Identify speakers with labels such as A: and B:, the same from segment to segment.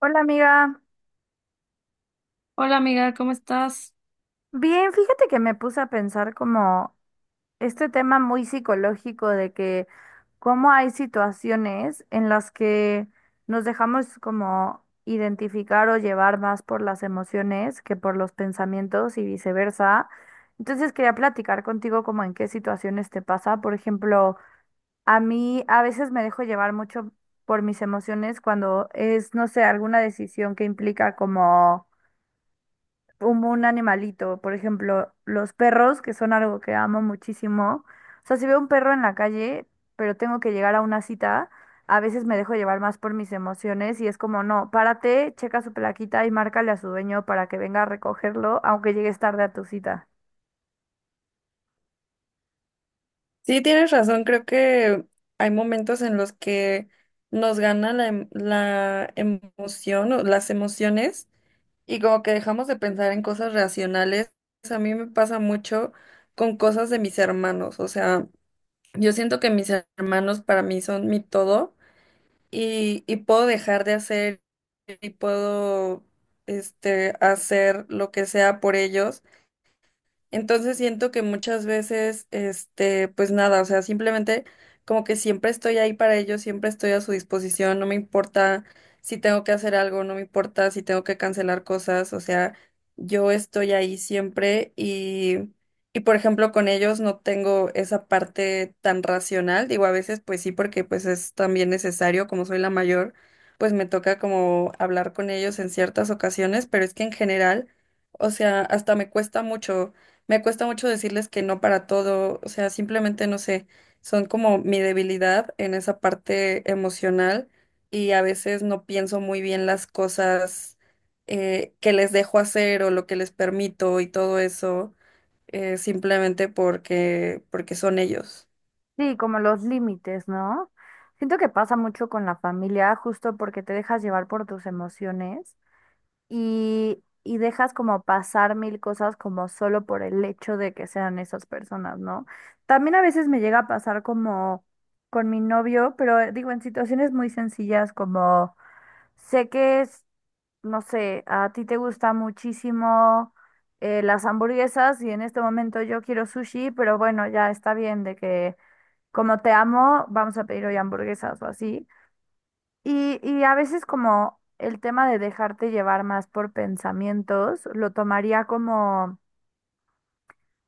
A: Hola amiga,
B: Hola amiga, ¿cómo estás?
A: bien, fíjate que me puse a pensar como este tema muy psicológico de que cómo hay situaciones en las que nos dejamos como identificar o llevar más por las emociones que por los pensamientos y viceversa. Entonces quería platicar contigo como en qué situaciones te pasa. Por ejemplo, a mí a veces me dejo llevar mucho por mis emociones cuando es, no sé, alguna decisión que implica como un animalito, por ejemplo, los perros, que son algo que amo muchísimo. O sea, si veo un perro en la calle, pero tengo que llegar a una cita, a veces me dejo llevar más por mis emociones y es como, no, párate, checa su plaquita y márcale a su dueño para que venga a recogerlo, aunque llegues tarde a tu cita.
B: Sí, tienes razón, creo que hay momentos en los que nos gana la emoción o las emociones y como que dejamos de pensar en cosas racionales. A mí me pasa mucho con cosas de mis hermanos, o sea, yo siento que mis hermanos para mí son mi todo y puedo dejar de hacer y hacer lo que sea por ellos. Entonces siento que muchas veces, este, pues nada, o sea, simplemente como que siempre estoy ahí para ellos, siempre estoy a su disposición, no me importa si tengo que hacer algo, no me importa si tengo que cancelar cosas, o sea, yo estoy ahí siempre y por ejemplo con ellos no tengo esa parte tan racional, digo a veces pues sí porque pues es también necesario, como soy la mayor, pues me toca como hablar con ellos en ciertas ocasiones, pero es que en general, o sea, hasta me cuesta mucho. Me cuesta mucho decirles que no para todo, o sea, simplemente no sé, son como mi debilidad en esa parte emocional y a veces no pienso muy bien las cosas que les dejo hacer o lo que les permito y todo eso, simplemente porque son ellos.
A: Sí, como los límites, ¿no? Siento que pasa mucho con la familia, justo porque te dejas llevar por tus emociones, y dejas como pasar mil cosas como solo por el hecho de que sean esas personas, ¿no? También a veces me llega a pasar como con mi novio, pero digo, en situaciones muy sencillas como sé que es, no sé, a ti te gusta muchísimo las hamburguesas y en este momento yo quiero sushi, pero bueno, ya está bien de que como te amo, vamos a pedir hoy hamburguesas o así. Y a veces como el tema de dejarte llevar más por pensamientos, lo tomaría como,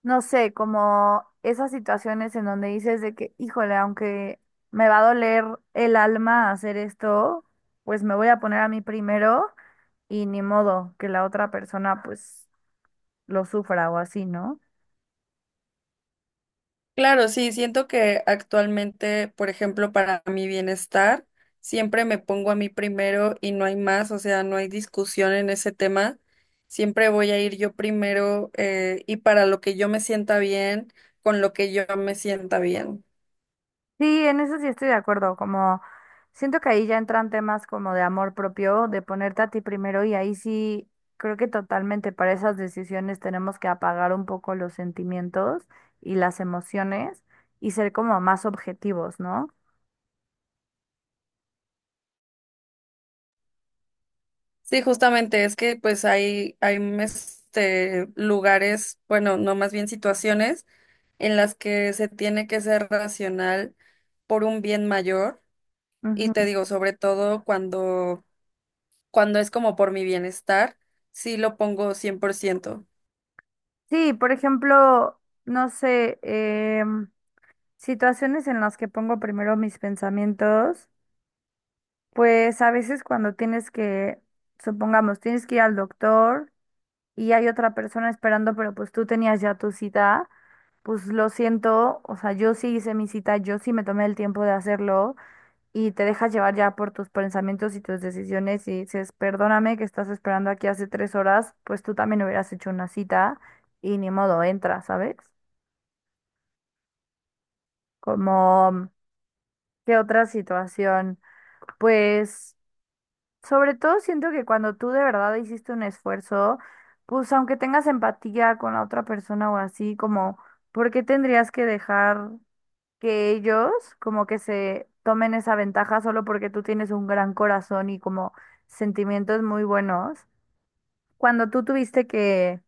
A: no sé, como esas situaciones en donde dices de que, híjole, aunque me va a doler el alma hacer esto, pues me voy a poner a mí primero y ni modo que la otra persona pues lo sufra o así, ¿no?
B: Claro, sí, siento que actualmente, por ejemplo, para mi bienestar, siempre me pongo a mí primero y no hay más, o sea, no hay discusión en ese tema. Siempre voy a ir yo primero y para lo que yo me sienta bien, con lo que yo me sienta bien.
A: Sí, en eso sí estoy de acuerdo, como siento que ahí ya entran temas como de amor propio, de ponerte a ti primero y ahí sí creo que totalmente para esas decisiones tenemos que apagar un poco los sentimientos y las emociones y ser como más objetivos, ¿no?
B: Sí, justamente es que pues este, lugares, bueno, no más bien situaciones en las que se tiene que ser racional por un bien mayor. Y
A: Ujú.
B: te digo, sobre todo cuando es como por mi bienestar, sí lo pongo 100%.
A: Sí, por ejemplo, no sé, em, situaciones en las que pongo primero mis pensamientos, pues a veces cuando tienes que, supongamos, tienes que ir al doctor y hay otra persona esperando, pero pues tú tenías ya tu cita, pues lo siento, o sea, yo sí hice mi cita, yo sí me tomé el tiempo de hacerlo y te dejas llevar ya por tus pensamientos y tus decisiones y dices, perdóname que estás esperando aquí hace 3 horas, pues tú también hubieras hecho una cita y ni modo, entra, ¿sabes? Como, ¿qué otra situación? Pues sobre todo siento que cuando tú de verdad hiciste un esfuerzo, pues aunque tengas empatía con la otra persona o así, como, ¿por qué tendrías que dejar que ellos como que se tomen esa ventaja solo porque tú tienes un gran corazón y como sentimientos muy buenos? Cuando tú tuviste que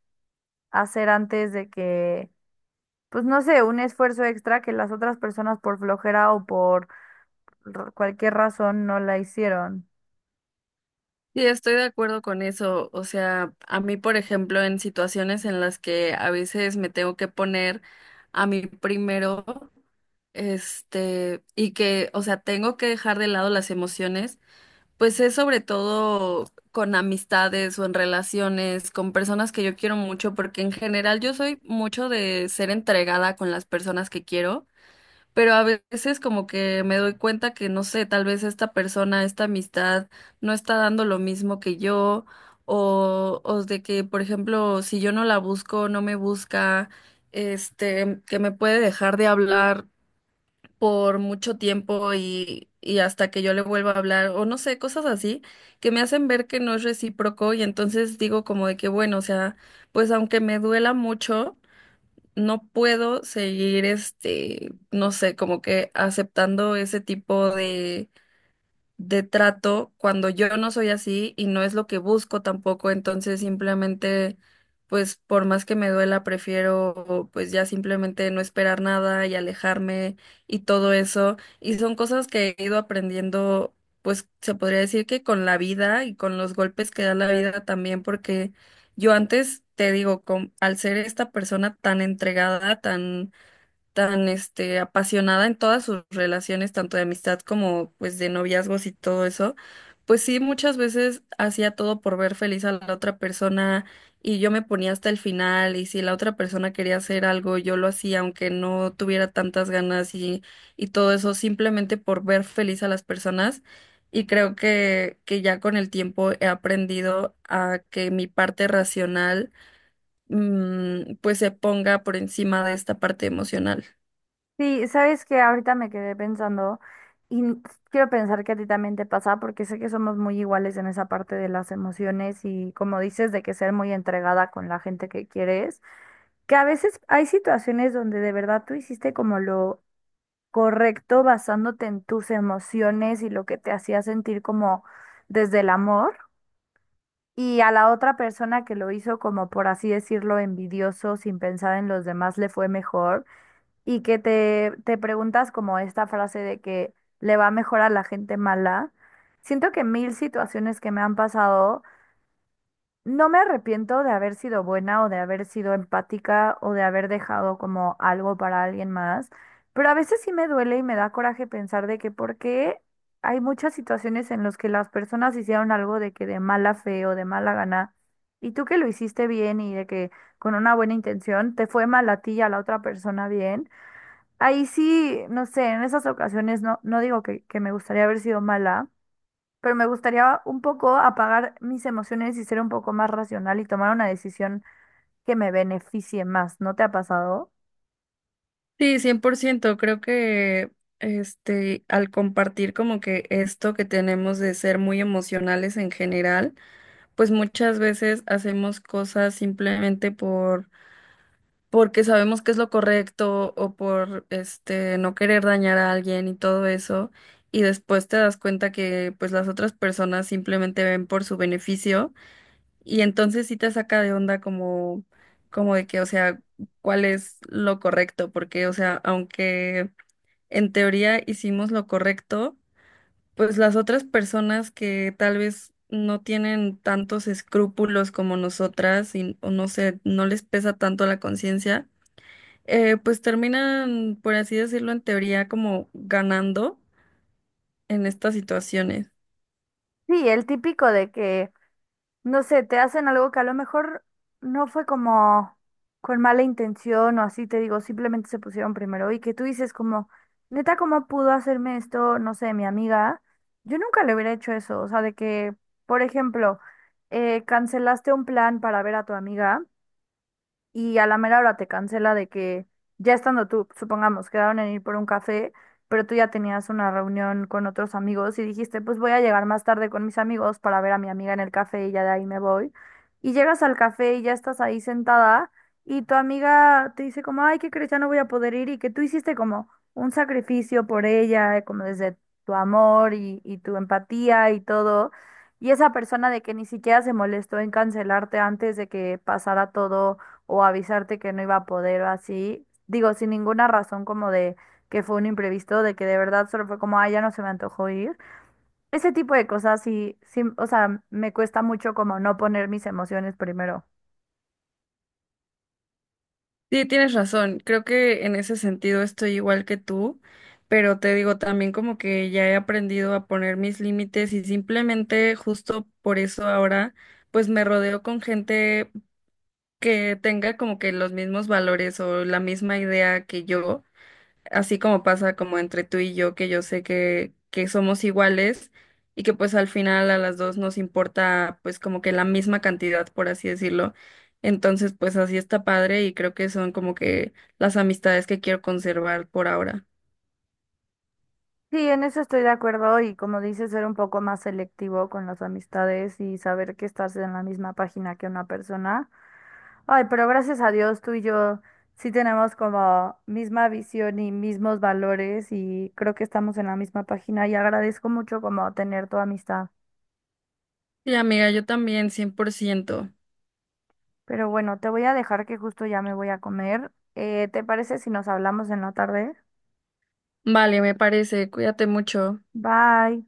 A: hacer antes de que, pues no sé, un esfuerzo extra que las otras personas por flojera o por cualquier razón no la hicieron.
B: Sí, estoy de acuerdo con eso. O sea, a mí, por ejemplo, en situaciones en las que a veces me tengo que poner a mí primero, este, y que, o sea, tengo que dejar de lado las emociones, pues es sobre todo con amistades o en relaciones, con personas que yo quiero mucho, porque en general yo soy mucho de ser entregada con las personas que quiero. Pero a veces como que me doy cuenta que no sé, tal vez esta persona, esta amistad no está dando lo mismo que yo o de que, por ejemplo, si yo no la busco, no me busca, este, que me puede dejar de hablar por mucho tiempo y hasta que yo le vuelva a hablar o no sé, cosas así que me hacen ver que no es recíproco y entonces digo como de que bueno, o sea, pues aunque me duela mucho no puedo seguir, este, no sé, como que aceptando ese tipo de trato cuando yo no soy así y no es lo que busco tampoco, entonces simplemente, pues por más que me duela, prefiero pues ya simplemente no esperar nada y alejarme y todo eso. Y son cosas que he ido aprendiendo, pues se podría decir que con la vida y con los golpes que da la vida también, porque yo antes, te digo, con- al ser esta persona tan entregada, tan apasionada en todas sus relaciones, tanto de amistad como pues de noviazgos y todo eso, pues sí, muchas veces hacía todo por ver feliz a la otra persona y yo me ponía hasta el final y si la otra persona quería hacer algo, yo lo hacía aunque no tuviera tantas ganas y todo eso simplemente por ver feliz a las personas. Y creo que ya con el tiempo he aprendido a que mi parte racional, mm, pues se ponga por encima de esta parte emocional.
A: Sí, sabes que ahorita me quedé pensando y quiero pensar que a ti también te pasa porque sé que somos muy iguales en esa parte de las emociones y como dices de que ser muy entregada con la gente que quieres, que a veces hay situaciones donde de verdad tú hiciste como lo correcto basándote en tus emociones y lo que te hacía sentir como desde el amor y a la otra persona que lo hizo como por así decirlo envidioso sin pensar en los demás le fue mejor y que te preguntas como esta frase de que le va mejor a la gente mala, siento que mil situaciones que me han pasado, no me arrepiento de haber sido buena o de haber sido empática o de haber dejado como algo para alguien más, pero a veces sí me duele y me da coraje pensar de que por qué hay muchas situaciones en las que las personas hicieron algo de que de mala fe o de mala gana. Y tú que lo hiciste bien y de que con una buena intención te fue mal a ti y a la otra persona bien. Ahí sí, no sé, en esas ocasiones no, no digo que me gustaría haber sido mala, pero me gustaría un poco apagar mis emociones y ser un poco más racional y tomar una decisión que me beneficie más. ¿No te ha pasado?
B: Sí, 100%. Creo que este, al compartir como que esto que tenemos de ser muy emocionales en general, pues muchas veces hacemos cosas simplemente porque sabemos que es lo correcto o por este no querer dañar a alguien y todo eso, y después te das cuenta que pues las otras personas simplemente ven por su beneficio y entonces sí te saca de onda como de que, o sea, cuál es lo correcto, porque o sea, aunque en teoría hicimos lo correcto, pues las otras personas que tal vez no tienen tantos escrúpulos como nosotras y o no sé, no les pesa tanto la conciencia, pues terminan, por así decirlo, en teoría como ganando en estas situaciones.
A: Sí, el típico de que no sé, te hacen algo que a lo mejor no fue como con mala intención o así, te digo, simplemente se pusieron primero y que tú dices como, neta, ¿cómo pudo hacerme esto? No sé, mi amiga. Yo nunca le hubiera hecho eso, o sea, de que, por ejemplo, cancelaste un plan para ver a tu amiga y a la mera hora te cancela de que ya estando tú, supongamos, quedaron en ir por un café, pero tú ya tenías una reunión con otros amigos y dijiste, pues voy a llegar más tarde con mis amigos para ver a mi amiga en el café y ya de ahí me voy. Y llegas al café y ya estás ahí sentada y tu amiga te dice como, ay, ¿qué crees? Ya no voy a poder ir y que tú hiciste como un sacrificio por ella, como desde tu amor y tu empatía y todo. Y esa persona de que ni siquiera se molestó en cancelarte antes de que pasara todo o avisarte que no iba a poder o así. Digo, sin ninguna razón como de que fue un imprevisto, de que de verdad solo fue como, ay, ya no se me antojó ir. Ese tipo de cosas sí, sí, o sea, me cuesta mucho como no poner mis emociones primero.
B: Sí, tienes razón, creo que en ese sentido estoy igual que tú, pero te digo también como que ya he aprendido a poner mis límites y simplemente justo por eso ahora pues me rodeo con gente que tenga como que los mismos valores o la misma idea que yo, así como pasa como entre tú y yo, que yo sé que somos iguales y que pues al final a las dos nos importa pues como que la misma cantidad, por así decirlo. Entonces pues así está padre y creo que son como que las amistades que quiero conservar por ahora.
A: Sí, en eso estoy de acuerdo y como dices, ser un poco más selectivo con las amistades y saber que estás en la misma página que una persona. Ay, pero gracias a Dios tú y yo sí tenemos como misma visión y mismos valores y creo que estamos en la misma página y agradezco mucho como tener tu amistad.
B: Sí, amiga, yo también, 100%.
A: Pero bueno, te voy a dejar que justo ya me voy a comer. ¿Te parece si nos hablamos en la tarde?
B: Vale, me parece, cuídate mucho.
A: Bye.